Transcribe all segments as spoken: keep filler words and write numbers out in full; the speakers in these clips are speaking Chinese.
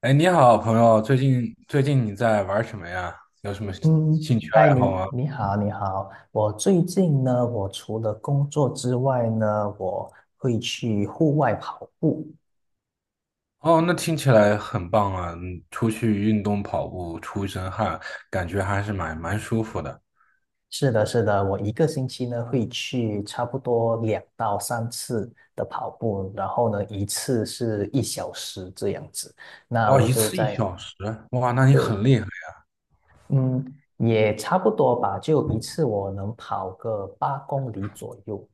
哎，你好，朋友，最近最近你在玩什么呀？有什么兴嗯，趣嗨，爱你好吗？你好，你好。我最近呢，我除了工作之外呢，我会去户外跑步。哦，那听起来很棒啊！嗯出去运动跑步，出一身汗，感觉还是蛮蛮舒服的。是的，是的，我一个星期呢会去差不多两到三次的跑步，然后呢一次是一小时这样子。那哇，我一就次一在，小时，哇，那你对，很厉害。嗯，也差不多吧，就一次我能跑个八公里左右。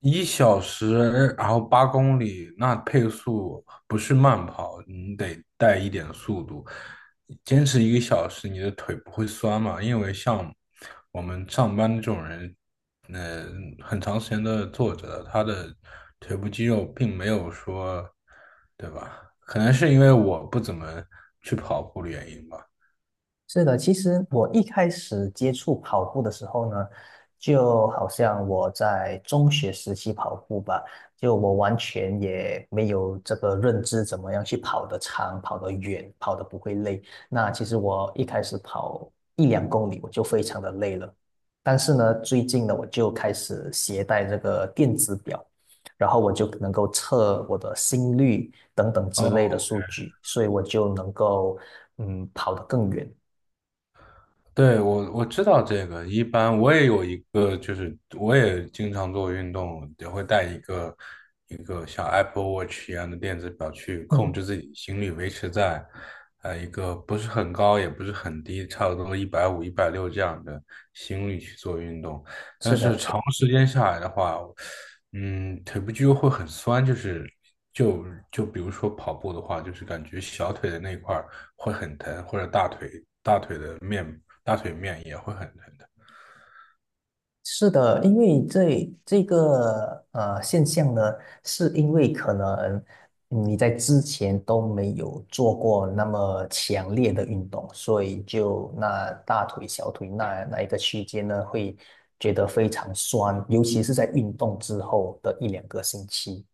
一小时，然后八公里，那配速不是慢跑，你得带一点速度。坚持一个小时，你的腿不会酸嘛？因为像我们上班这种人，呃，很长时间都是坐着的，他的腿部肌肉并没有说，对吧？可能是因为我不怎么去跑步的原因吧。是的，其实我一开始接触跑步的时候呢，就好像我在中学时期跑步吧，就我完全也没有这个认知，怎么样去跑得长、跑得远、跑得不会累。那其实我一开始跑一两公里，我就非常的累了。但是呢，最近呢，我就开始携带这个电子表，然后我就能够测我的心率等等之类的哦，数据，所以我就能够嗯跑得更远。对，我我知道这个，一般我也有一个，就是我也经常做运动，也会带一个一个像 Apple Watch 一样的电子表去控嗯，制自己心率，维持在呃一个不是很高也不是很低，差不多一百五、一百六这样的心率去做运动。但是是的，是长的时间下来的话，嗯，腿部肌肉会很酸，就是就就比如说跑步的话，就是感觉小腿的那块儿会很疼，或者大腿。面大腿面也会很疼的。是的，因为这这个呃现象呢，是因为可能嗯你在之前都没有做过那么强烈的运动，所以就那大腿、小腿那那一个区间呢，会觉得非常酸，尤其是在运动之后的一两个星期。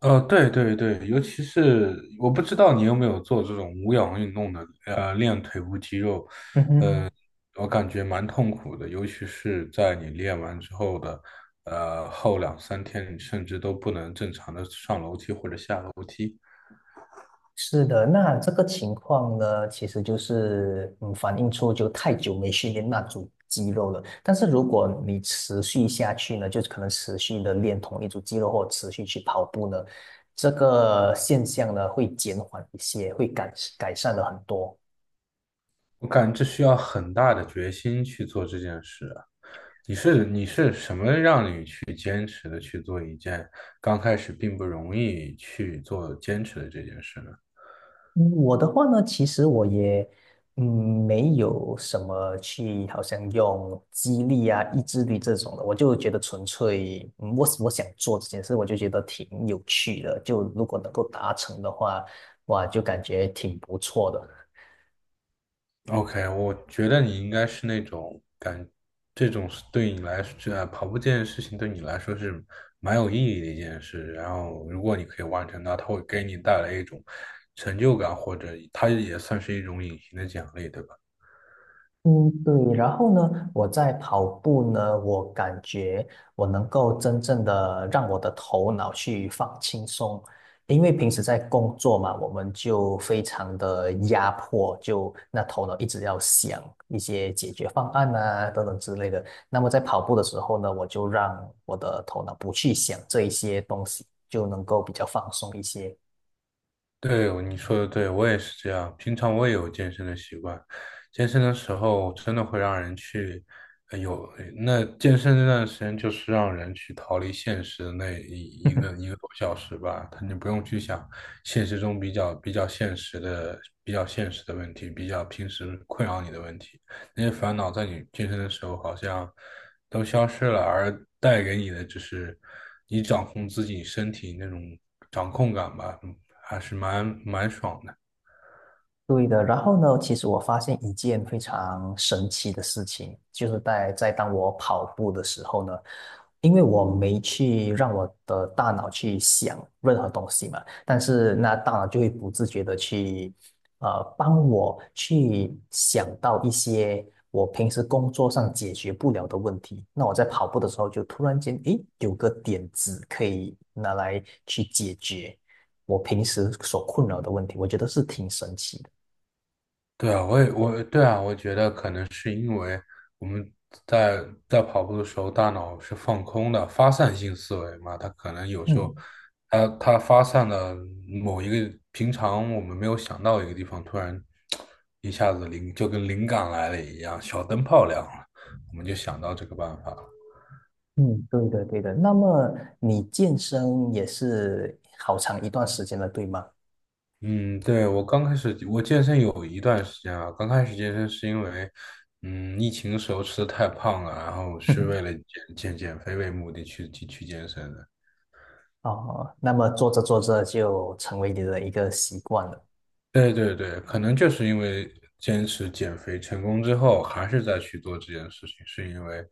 呃，对对对，尤其是我不知道你有没有做这种无氧运动的，呃，练腿部肌肉，嗯哼。我感觉蛮痛苦的，尤其是在你练完之后的，呃，后两三天，你甚至都不能正常的上楼梯或者下楼梯。是的，那这个情况呢，其实就是嗯，反映出就太久没训练那组肌肉了。但是如果你持续下去呢，就是可能持续的练同一组肌肉，或持续去跑步呢，这个现象呢会减缓一些，会改改善了很多。我感觉这需要很大的决心去做这件事啊。你是你是什么让你去坚持的去做一件刚开始并不容易去做坚持的这件事呢？嗯，我的话呢，其实我也，嗯，没有什么去，好像用激励啊、意志力这种的，我就觉得纯粹，嗯，我我想做这件事，我就觉得挺有趣的，就如果能够达成的话，哇，就感觉挺不错的。OK，我觉得你应该是那种感，这种是对你来说，这跑步这件事情对你来说是蛮有意义的一件事。然后，如果你可以完成它，它会给你带来一种成就感，或者它也算是一种隐形的奖励，对吧？嗯，对。然后呢，我在跑步呢，我感觉我能够真正的让我的头脑去放轻松，因为平时在工作嘛，我们就非常的压迫，就那头脑一直要想一些解决方案啊等等之类的。那么在跑步的时候呢，我就让我的头脑不去想这一些东西，就能够比较放松一些。对，你说的对，我也是这样。平常我也有健身的习惯，健身的时候真的会让人去，呃有，那健身那段时间就是让人去逃离现实的那一一个一个多小时吧，他你不用去想现实中比较比较现实的比较现实的问题，比较平时困扰你的问题，那些烦恼在你健身的时候好像都消失了，而带给你的就是你掌控自己身体那种掌控感吧，还是蛮蛮爽的。对的，然后呢，其实我发现一件非常神奇的事情，就是在在当我跑步的时候呢，因为我没去让我的大脑去想任何东西嘛，但是那大脑就会不自觉的去，呃，帮我去想到一些我平时工作上解决不了的问题。那我在跑步的时候就突然间，诶，有个点子可以拿来去解决我平时所困扰的问题，我觉得是挺神奇的。对啊，我也我对啊，我觉得可能是因为我们在在跑步的时候，大脑是放空的，发散性思维嘛，它可能有时候嗯它它发散的某一个平常我们没有想到一个地方，突然一下子灵就跟灵感来了一样，小灯泡亮了，我们就想到这个办法了。嗯，对的对的。那么你健身也是好长一段时间了，对吗？嗯，对，我刚开始我健身有一段时间啊，刚开始健身是因为，嗯，疫情时候吃的太胖了，然后是为 了减减减肥为目的去去去健身的。哦，那么做着做着就成为你的一个习惯了。对对对，可能就是因为坚持减肥成功之后，还是再去做这件事情，是因为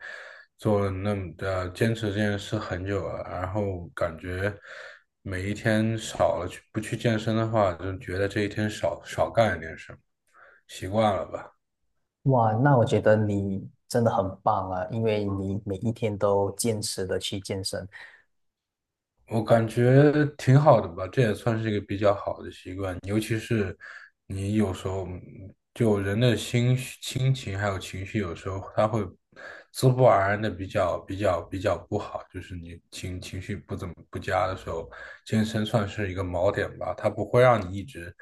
做了那么的坚持这件事很久了，然后感觉每一天少了去不去健身的话，就觉得这一天少少干一点事，习惯了吧。哇，那我觉得你真的很棒啊，因为你每一天都坚持的去健身。我感觉挺好的吧，这也算是一个比较好的习惯，尤其是你有时候嗯就人的心绪心情还有情绪，有时候他会自不而然的比较比较比较不好，就是你情情绪不怎么不佳的时候，健身算是一个锚点吧，它不会让你一直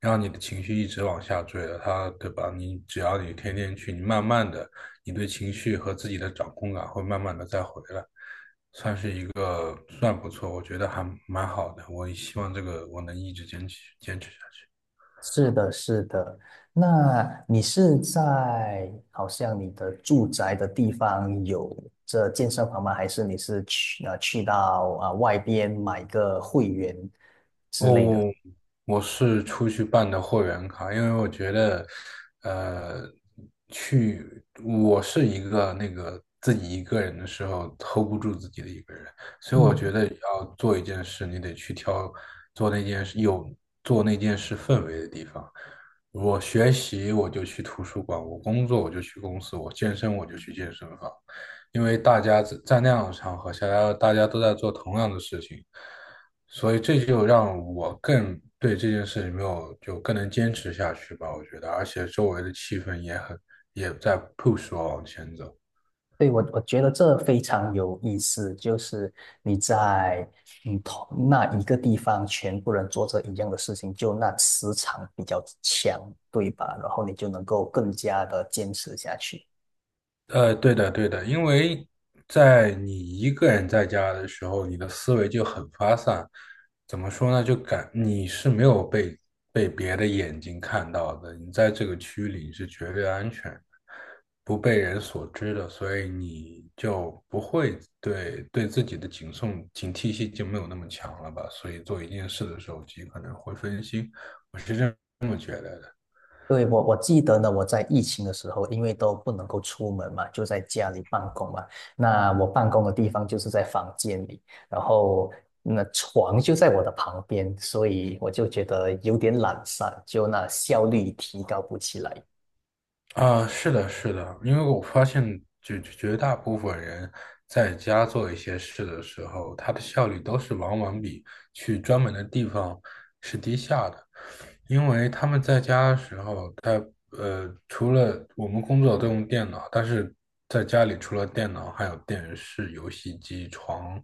让你的情绪一直往下坠的，它对吧？你只要你天天去，你慢慢的，你对情绪和自己的掌控感会慢慢的再回来。个算不错，我觉得还蛮好的。我希望这个我能一直坚持坚持下去。是的，是的。那你是在好像你的住宅的地方有这健身房吗？还是你是去啊去到啊、呃外边买个会员之类的？哦，我是出去办的会员卡，因为我觉得，呃，去我是一个那个自己一个人的时候 hold 不住自己的一个人，所以我嗯，觉得要做一件事，你得去挑做那件事有做那件事氛围的地方。我学习我就去图书馆，我工作我就去公司，我健身我就去健身房，因为大家在在那样的场合下，大家大家都在做同样的事情。所以这就让我更对这件事情没有就更能坚持下去吧，我觉得，而且周围的气氛也很也在 push 我往前走。对，我我觉得这非常有意思，就是你在嗯同那一个地方，全部人做着一样的事情，就那磁场比较强，对吧？然后你就能够更加的坚持下去。呃，对的，对的，因为在你一个人在家的时候，你的思维就很发散。怎么说呢？就感你是没有被被别的眼睛看到的，你在这个区域里是绝对安全的，不被人所知的，所以你就不会对对自己的警送警惕性就没有那么强了吧？所以做一件事的时候，极可能会分心。我是认。对，我我记得呢，我在疫情的时候，因为都不能够出门嘛，就在家里办公嘛。那我办公的地方就是在房间里，然后那床就在我的旁边，所以我就觉得有点懒散，就那效率提高不起来。啊，是的，是的，因为我发现绝绝大部分人在家做一些事的时候，他的效率都是往往比去专门的地方是低下的，因为他们在家的时候，他呃，除了我们工作都用电脑，但是在家里除了电脑，还有电视、游戏机、床，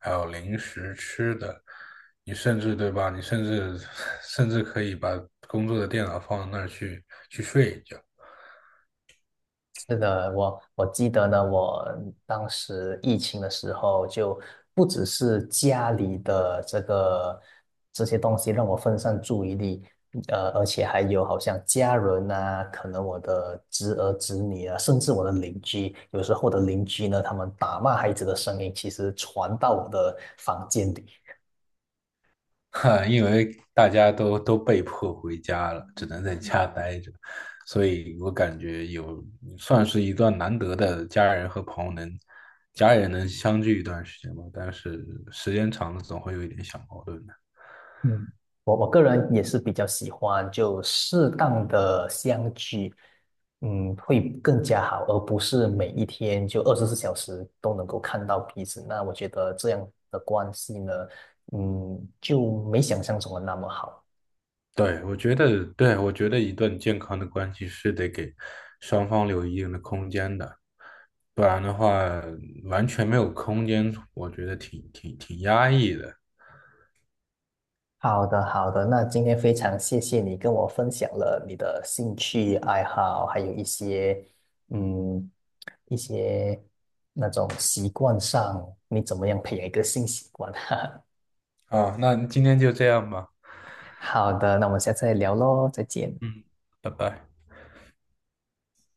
还有零食吃的，你甚至对吧？你甚至 甚至可以把工作的电脑放到那儿去去睡一觉。是的，我我记得呢，我当时疫情的时候，就不只是家里的这个这些东西让我分散注意力，呃，而且还有好像家人啊，可能我的侄儿侄女啊，甚至我的邻居，有时候我的邻居呢，他们打骂孩子的声音，其实传到我的房间里。哈，因为大家都都被迫回家了，只能在家待着，所以我感觉有算是一段难得的家人和朋友能家人能相聚一段时间吧。但是时间长了，总会有一点小矛盾的。嗯，我我个人也是比较喜欢就适当的相聚，嗯，会更加好，而不是每一天就二十四小时都能够看到彼此。那我觉得这样的关系呢，嗯，就没想象中的那么好。对，我觉得，对，我觉得一段健康的关系是得给双方留一定的空间的，不然的话完全没有空间，我觉得挺挺挺压抑的。好的，好的，那今天非常谢谢你跟我分享了你的兴趣爱好，还有一些嗯一些那种习惯上，你怎么样培养一个新习惯？啊，那今天就这样吧，好的，那我们下次再聊喽，再见。嗯，拜拜。